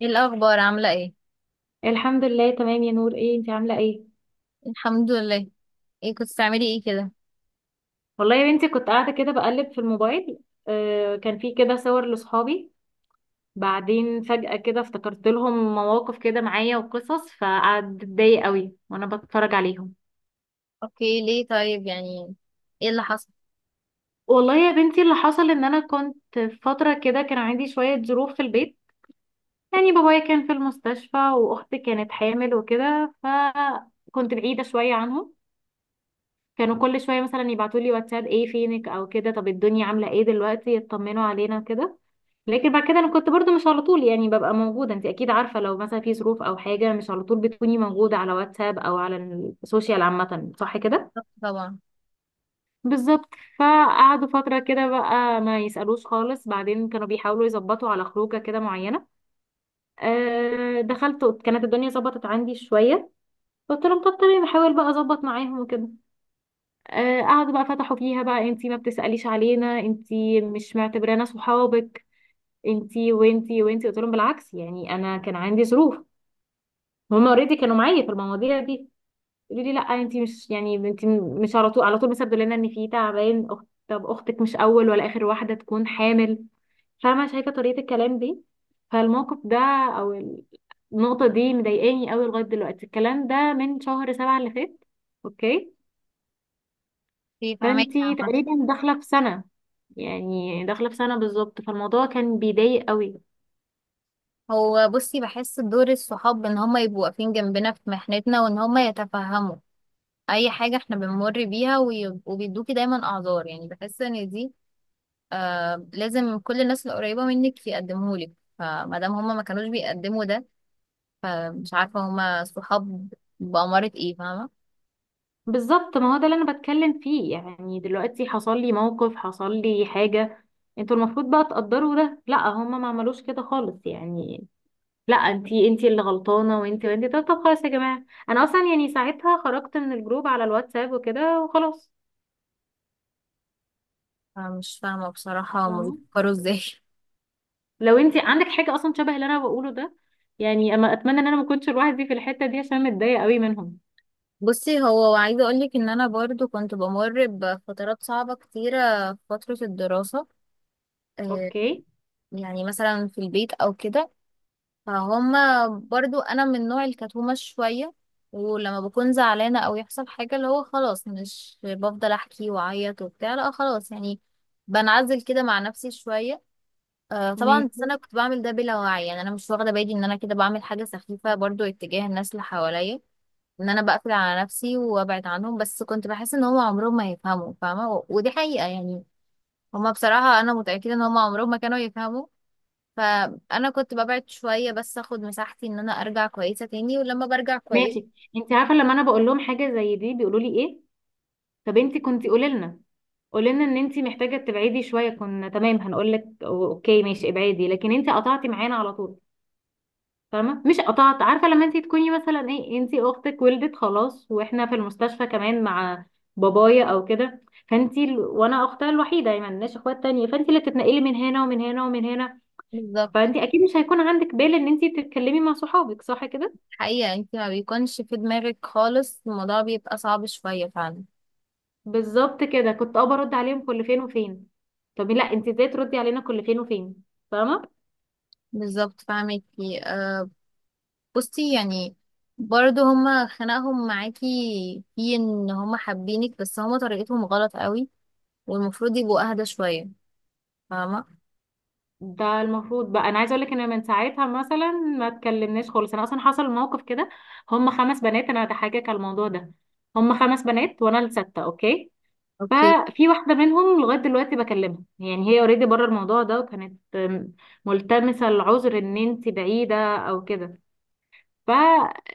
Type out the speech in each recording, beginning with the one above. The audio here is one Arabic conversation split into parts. ايه الاخبار؟ عامله ايه؟ الحمد لله تمام يا نور، ايه انت عامله ايه؟ الحمد لله. ايه كنت بتعملي ايه كده؟ والله يا بنتي، كنت قاعده كده بقلب في الموبايل. كان في كده صور لاصحابي، بعدين فجأة كده افتكرت لهم مواقف كده معايا وقصص، فقعدت اتضايق قوي وانا بتفرج عليهم. اوكي، ليه طيب؟ ايه اللي حصل؟ والله يا بنتي، اللي حصل ان انا كنت في فتره كده كان عندي شويه ظروف في البيت. يعني بابايا كان في المستشفى واختي كانت حامل وكده، فكنت بعيده شويه عنهم. كانوا كل شويه مثلا يبعتوا لي واتساب: ايه فينك او كده، طب الدنيا عامله ايه دلوقتي، يطمنوا علينا كده. لكن بعد كده انا كنت برضو مش على طول يعني ببقى موجوده. انت اكيد عارفه، لو مثلا في ظروف او حاجه، مش على طول بتكوني موجوده على واتساب او على السوشيال عامه، صح كده؟ طب طبعا. بالظبط. فقعدوا فتره كده بقى ما يسالوش خالص، بعدين كانوا بيحاولوا يظبطوا على خروجه كده معينه. دخلت كانت الدنيا ظبطت عندي شويه، قلت لهم طب تمام، بحاول بقى اظبط معاهم وكده. قعدوا بقى فتحوا فيها بقى: انتي ما بتسأليش علينا، انتي مش معتبرانا صحابك، انتي وانتي وانتي. قلت لهم بالعكس، يعني انا كان عندي ظروف، هما اوريدي كانوا معايا في المواضيع دي. يقولوا لي لا، انت مش يعني انت مش على طول على طول مثلا لنا ان في تعبان أخت. طب اختك مش اول ولا اخر واحده تكون حامل. فاهمه؟ شايفه طريقه الكلام دي؟ فالموقف ده، او النقطه دي، مضايقاني قوي لغايه دلوقتي. الكلام ده من شهر 7 اللي فات. اوكي. في فهمك فانت عامه. تقريبا داخله في سنه، يعني داخله في سنه بالظبط، فالموضوع كان بيضايق قوي. هو بصي، بحس دور الصحاب ان هما يبقوا واقفين جنبنا في محنتنا، وان هما يتفهموا اي حاجه احنا بنمر بيها، ويبقوا بيدوكي دايما اعذار. بحس ان دي، آه، لازم كل الناس القريبه منك يقدمهولك. فما دام هما ما كانوش بيقدموا ده، فمش عارفه هما صحاب بأمارة ايه، فاهمه؟ بالظبط، ما هو ده اللي انا بتكلم فيه. يعني دلوقتي حصل لي موقف، حصل لي حاجة، انتوا المفروض بقى تقدروا ده. لا، هما ما عملوش كده خالص يعني، لا انتي، انتي اللي غلطانة وانتي وانتي. طب طب خلاص يا جماعة، انا اصلا يعني ساعتها خرجت من الجروب على الواتساب وكده وخلاص. أنا مش فاهمة بصراحة هما فاهمة؟ بيفكروا ازاي. لو انتي عندك حاجة اصلا شبه اللي انا بقوله ده، يعني اما اتمنى ان انا ما كنتش لوحدي في الحتة دي عشان متضايقة قوي منهم. بصي، هو عايزة اقولك ان انا برضو كنت بمر بفترات صعبة كتيرة في فترة الدراسة. آه، اوكي مثلا في البيت او كده. فهما برضو، انا من نوع الكتومة شوية، ولما بكون زعلانة او يحصل حاجة، اللي هو خلاص مش بفضل احكي واعيط وبتاع، لا خلاص بنعزل كده مع نفسي شوية. آه، طبعا. بس ماشي انا كنت بعمل ده بلا وعي، انا مش واخدة بالي ان انا كده بعمل حاجة سخيفة برضو اتجاه الناس اللي حواليا، ان انا بقفل على نفسي وابعد عنهم. بس كنت بحس ان هم عمرهم ما يفهموا، فاهمه؟ ودي حقيقه هم بصراحه انا متاكده ان هم عمرهم ما كانوا يفهموا. فانا كنت ببعد شويه بس اخد مساحتي ان انا ارجع كويسه تاني، ولما برجع كويس. ماشي. انتي عارفة لما انا بقول لهم حاجة زي دي بيقولوا لي ايه؟ طب انتي كنتي قولي لنا، قولنا ان انت محتاجه تبعدي شويه، كنا تمام، هنقول لك اوكي ماشي ابعدي، لكن انت قطعتي معانا على طول. فاهمه؟ مش قطعت. عارفه لما انت تكوني مثلا، ايه، انت اختك ولدت خلاص واحنا في المستشفى كمان مع بابايا او كده، وانا اختها الوحيده يعني ما عندناش اخوات تانية، فانت اللي بتتنقلي من هنا ومن هنا ومن هنا. بالظبط. فانت اكيد مش هيكون عندك بال ان انت تتكلمي مع صحابك، صح كده؟ حقيقه انت ما بيكونش في دماغك خالص، الموضوع بيبقى صعب شويه فعلا. بالظبط كده. كنت برد عليهم كل فين وفين. طب لا، انت ازاي تردي علينا كل فين وفين؟ فاهمه؟ بالظبط، فاهمكي، أه. بصي، برضه هما خناقهم معاكي في ان هما حابينك، بس هما طريقتهم غلط قوي، والمفروض يبقوا اهدى شويه، فاهمه؟ ده المفروض بقى. انا عايزه اقول لك ان من ساعتها مثلا ما اتكلمناش خالص. انا اصلا حصل موقف كده. هم 5 بنات، انا هضحكك على الموضوع ده. هم 5 بنات وانا السادسه، اوكي؟ اوكي، ففي واحده منهم لغايه دلوقتي بكلمها، يعني هي اوريدي بره الموضوع ده وكانت ملتمسه العذر ان انت بعيده او كده. ف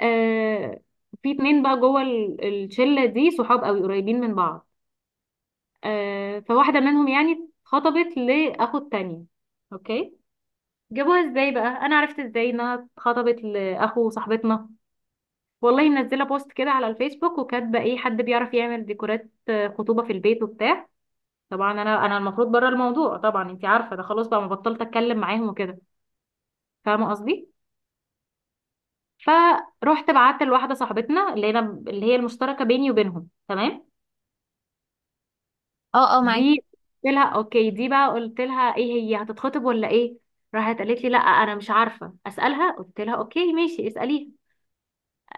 آه، في 2 بقى جوه الشله دي صحاب قوي قريبين من بعض. فواحده منهم يعني اتخطبت لاخو التانية، اوكي. جابوها ازاي بقى؟ انا عرفت ازاي انها اتخطبت لاخو صاحبتنا؟ والله منزله بوست كده على الفيسبوك وكاتبه: ايه حد بيعرف يعمل ديكورات خطوبه في البيت وبتاع. طبعا انا المفروض بره الموضوع، طبعا انتي عارفه، ده خلاص بقى ما بطلت اتكلم معاهم وكده. فاهمه قصدي؟ فروحت بعت لواحده صاحبتنا، اللي انا، اللي هي المشتركه بيني وبينهم، تمام، اه اه، معاكي، دي. قلت لها اوكي، دي بقى قلت لها: ايه، هي هتتخطب ولا ايه؟ راحت قالت لي لا انا مش عارفه، اسالها. قلت لها اوكي ماشي، اساليها.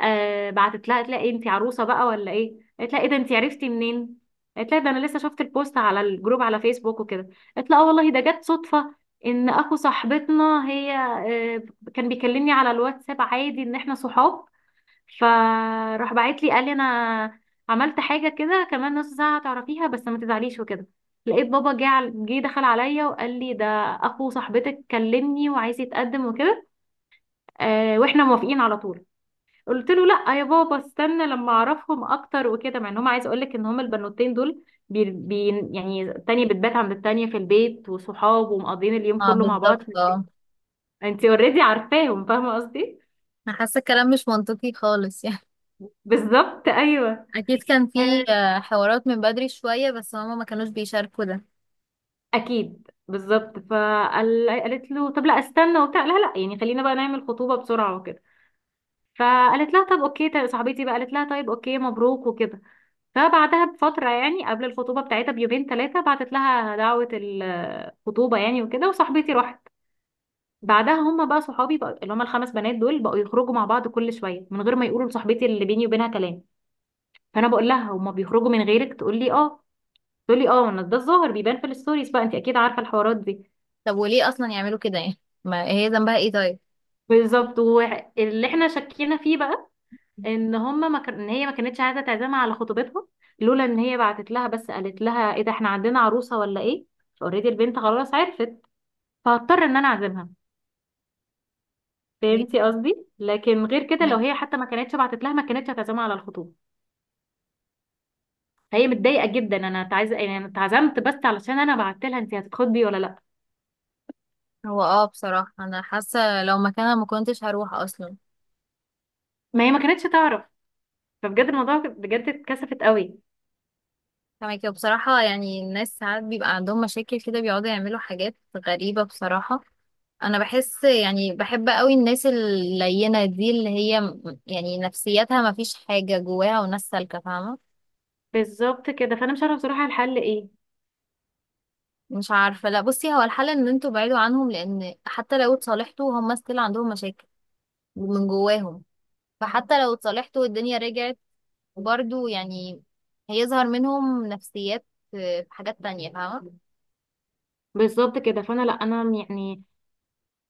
بعتت لها، قالت لها: ايه انت عروسه بقى ولا ايه؟ قالت لها: ايه ده، انت عرفتي منين؟ قالت لها: ده انا لسه شفت البوست على الجروب على فيسبوك وكده. قالت لها: اه والله ده جت صدفه. ان اخو صاحبتنا، هي، آه كان بيكلمني على الواتساب عادي ان احنا صحاب. فراح بعت لي قال لي: انا عملت حاجه كده، كمان نص ساعه هتعرفيها، بس ما تزعليش وكده. لقيت بابا جه، دخل عليا وقال لي: ده اخو صاحبتك كلمني وعايز يتقدم وكده، واحنا موافقين على طول. قلت له لا يا بابا، استنى لما اعرفهم اكتر وكده. مع ان هم، عايز اقول لك ان هم البنوتين دول بي بي يعني، التانية بتبات عند التانية في البيت وصحاب ومقضيين اليوم اه كله مع بالظبط بعض. اه. انت اوريدي عارفاهم، فاهمه قصدي؟ أنا حاسه الكلام مش منطقي خالص بالظبط ايوه. اكيد كان في آه، آه، حوارات من بدري شويه، بس هما ما كانوش بيشاركوا ده. اكيد بالظبط. فقالت له طب لا استنى وبتاع، لا لا يعني، خلينا بقى نعمل خطوبه بسرعه وكده. فقالت لها طب اوكي طيب. صاحبتي بقى قالت لها: طيب اوكي مبروك وكده. فبعدها بفترة، يعني قبل الخطوبة بتاعتها بيومين 3، بعتت لها دعوة الخطوبة يعني وكده، وصاحبتي راحت. بعدها هما بقى صحابي بقى، اللي هما ال5 بنات دول، بقوا يخرجوا مع بعض كل شوية من غير ما يقولوا لصاحبتي اللي بيني وبينها كلام. فأنا بقول لها: هما بيخرجوا من غيرك؟ تقول لي اه. تقول لي اه، انا ده الظاهر بيبان في الستوريز بقى. انت اكيد عارفة الحوارات دي. طب وليه اصلا يعملوا كده؟ ما هي ذنبها ايه طيب؟ بالظبط. واللي احنا شكينا فيه بقى ان هما ما كان... ان هي ما كانتش عايزة تعزمها على خطوبتها، لولا ان هي بعتت لها بس قالت لها: ايه ده، احنا عندنا عروسة ولا ايه؟ اوريدي البنت خلاص عرفت، فهضطر ان انا اعزمها. أوكي، فهمتي قصدي؟ لكن غير كده، لو فهماكي. هي حتى ما كانتش بعتت لها، ما كانتش هتعزمها على الخطوبه. فهي متضايقه جدا. انا يعني انا اتعزمت بس علشان انا بعت لها: انت هتتخطبي ولا لا. هو اه، بصراحه انا حاسه لو مكانها ما كنتش هروح اصلا. ما هي ما كانتش تعرف. فبجد الموضوع، بجد اتكسفت قوي. فاهمك. وبصراحه الناس ساعات بيبقى عندهم مشاكل كده، بيقعدوا يعملوا حاجات غريبه بصراحه. انا بحس بحب قوي الناس اللينة دي، اللي هي نفسيتها ما فيش حاجة جواها، وناس سالكة، فاهمة؟ بالظبط كده. فانا مش عارفه بصراحه الحل ايه. مش عارفة. لا بصي، هو الحل ان انتوا بعيدوا عنهم، لان حتى لو اتصالحتوا هم ستيل عندهم مشاكل من جواهم. فحتى لو اتصالحتوا والدنيا رجعت، برضو هيظهر منهم نفسيات في حاجات تانية، فاهمة؟ بالظبط كده. فانا لا، انا يعني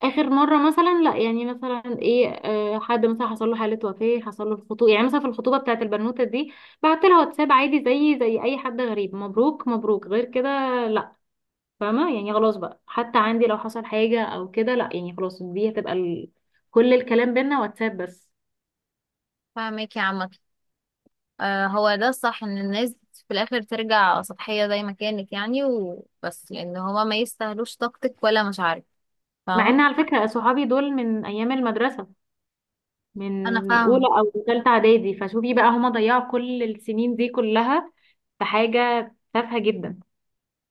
اخر مره مثلا، لا يعني مثلا، ايه، حد مثلا حصل له حاله وفاه، حصل له الخطوبه، يعني مثلا في الخطوبه بتاعت البنوته دي، بعت لها واتساب عادي، زي اي حد غريب: مبروك مبروك، غير كده. فاهمة يعني؟ خلاص بقى، حتى عندي لو حصل حاجة او كده لا، يعني خلاص، دي هتبقى كل الكلام بينا واتساب بس. فاهمك يا عم. آه، هو ده الصح، ان الناس في الاخر ترجع سطحية زي ما كانت وبس، لان هما ما يستاهلوش طاقتك ولا مشاعرك، مع فاهمة؟ ان على فكرة صحابي دول من ايام المدرسة، انا من اولى فاهمه. او ثالثة اعدادي، فشوفي بقى هما ضيعوا كل السنين دي كلها في حاجة تافهة جدا.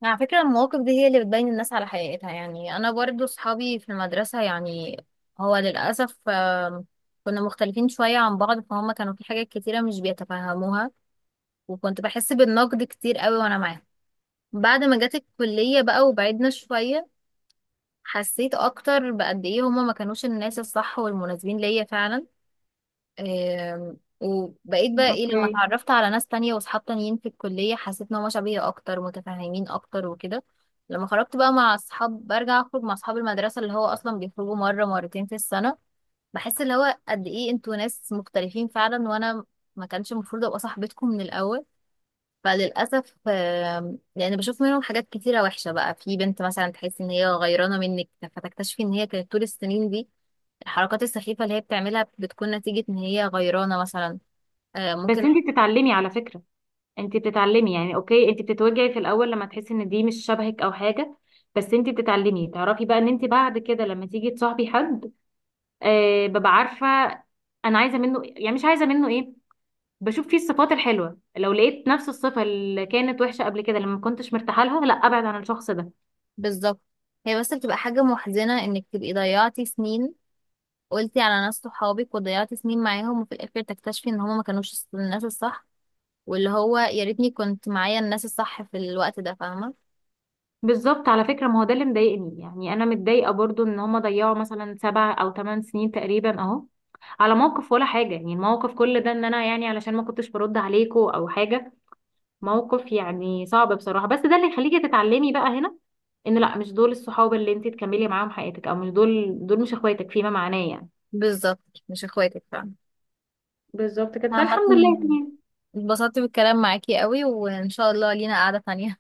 على فكره المواقف دي هي اللي بتبين الناس على حقيقتها. انا برضو صحابي في المدرسه، هو للاسف آم، كنا مختلفين شويه عن بعض، فهم كانوا في حاجات كتيره مش بيتفهموها، وكنت بحس بالنقد كتير قوي وانا معاهم. بعد ما جت الكليه بقى وبعدنا شويه، حسيت اكتر بقد ايه هما ما كانوش الناس الصح والمناسبين ليا فعلا. آم، وبقيت بقى ايه، لما اوكي. اتعرفت على ناس تانية وصحاب تانيين في الكلية، حسيت ان هما شبهي اكتر، متفاهمين اكتر وكده. لما خرجت بقى مع اصحاب، برجع اخرج مع اصحاب المدرسة، اللي هو اصلا بيخرجوا مرة مرتين في السنة، بحس اللي هو قد ايه انتوا ناس مختلفين فعلا، وانا ما كانش المفروض ابقى صاحبتكم من الاول. فللاسف آم، بشوف منهم حاجات كتيرة وحشة. بقى في بنت مثلا تحس ان هي غيرانة منك، فتكتشفي ان هي كانت طول السنين دي الحركات السخيفة اللي هي بتعملها بتكون نتيجة ان هي غيرانة مثلا. آه، بس ممكن. انتي بتتعلمي على فكرة، انتي بتتعلمي. يعني اوكي، انتي بتتوجعي في الاول لما تحسي ان دي مش شبهك او حاجة، بس انتي بتتعلمي تعرفي بقى ان انتي بعد كده لما تيجي تصاحبي حد، ببقى عارفه انا عايزه منه يعني، مش عايزه منه ايه، بشوف فيه الصفات الحلوه. لو لقيت نفس الصفه اللي كانت وحشه قبل كده لما ما كنتش مرتاحه لها، لا، ابعد عن الشخص ده. بالظبط. هي بس بتبقى حاجة محزنة انك تبقي ضيعتي سنين، قلتي على ناس صحابك، وضيعتي سنين معاهم، وفي الاخر تكتشفي ان هما ما كانوش الناس الصح. واللي هو يا ريتني كنت معايا الناس الصح في الوقت ده، فاهمة؟ بالظبط على فكره، ما هو ده اللي مضايقني. يعني انا متضايقه برضو ان هما ضيعوا مثلا 7 أو 8 سنين تقريبا اهو، على موقف ولا حاجه، يعني الموقف كل ده ان انا يعني علشان ما كنتش برد عليكوا او حاجه. موقف يعني صعب بصراحه، بس ده اللي يخليكي تتعلمي بقى هنا ان لا، مش دول الصحاب اللي انت تكملي معاهم حياتك، او مش دول مش اخواتك فيما معناه يعني. بالظبط، مش اخواتك، فاهمة؟ بالظبط كده، عامة، فالحمد لله تمام. اتبسطت بالكلام معاكي قوي، وان شاء الله لينا قعدة تانية.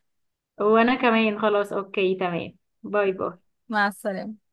وانا كمان خلاص اوكي تمام. باي باي. مع السلامة.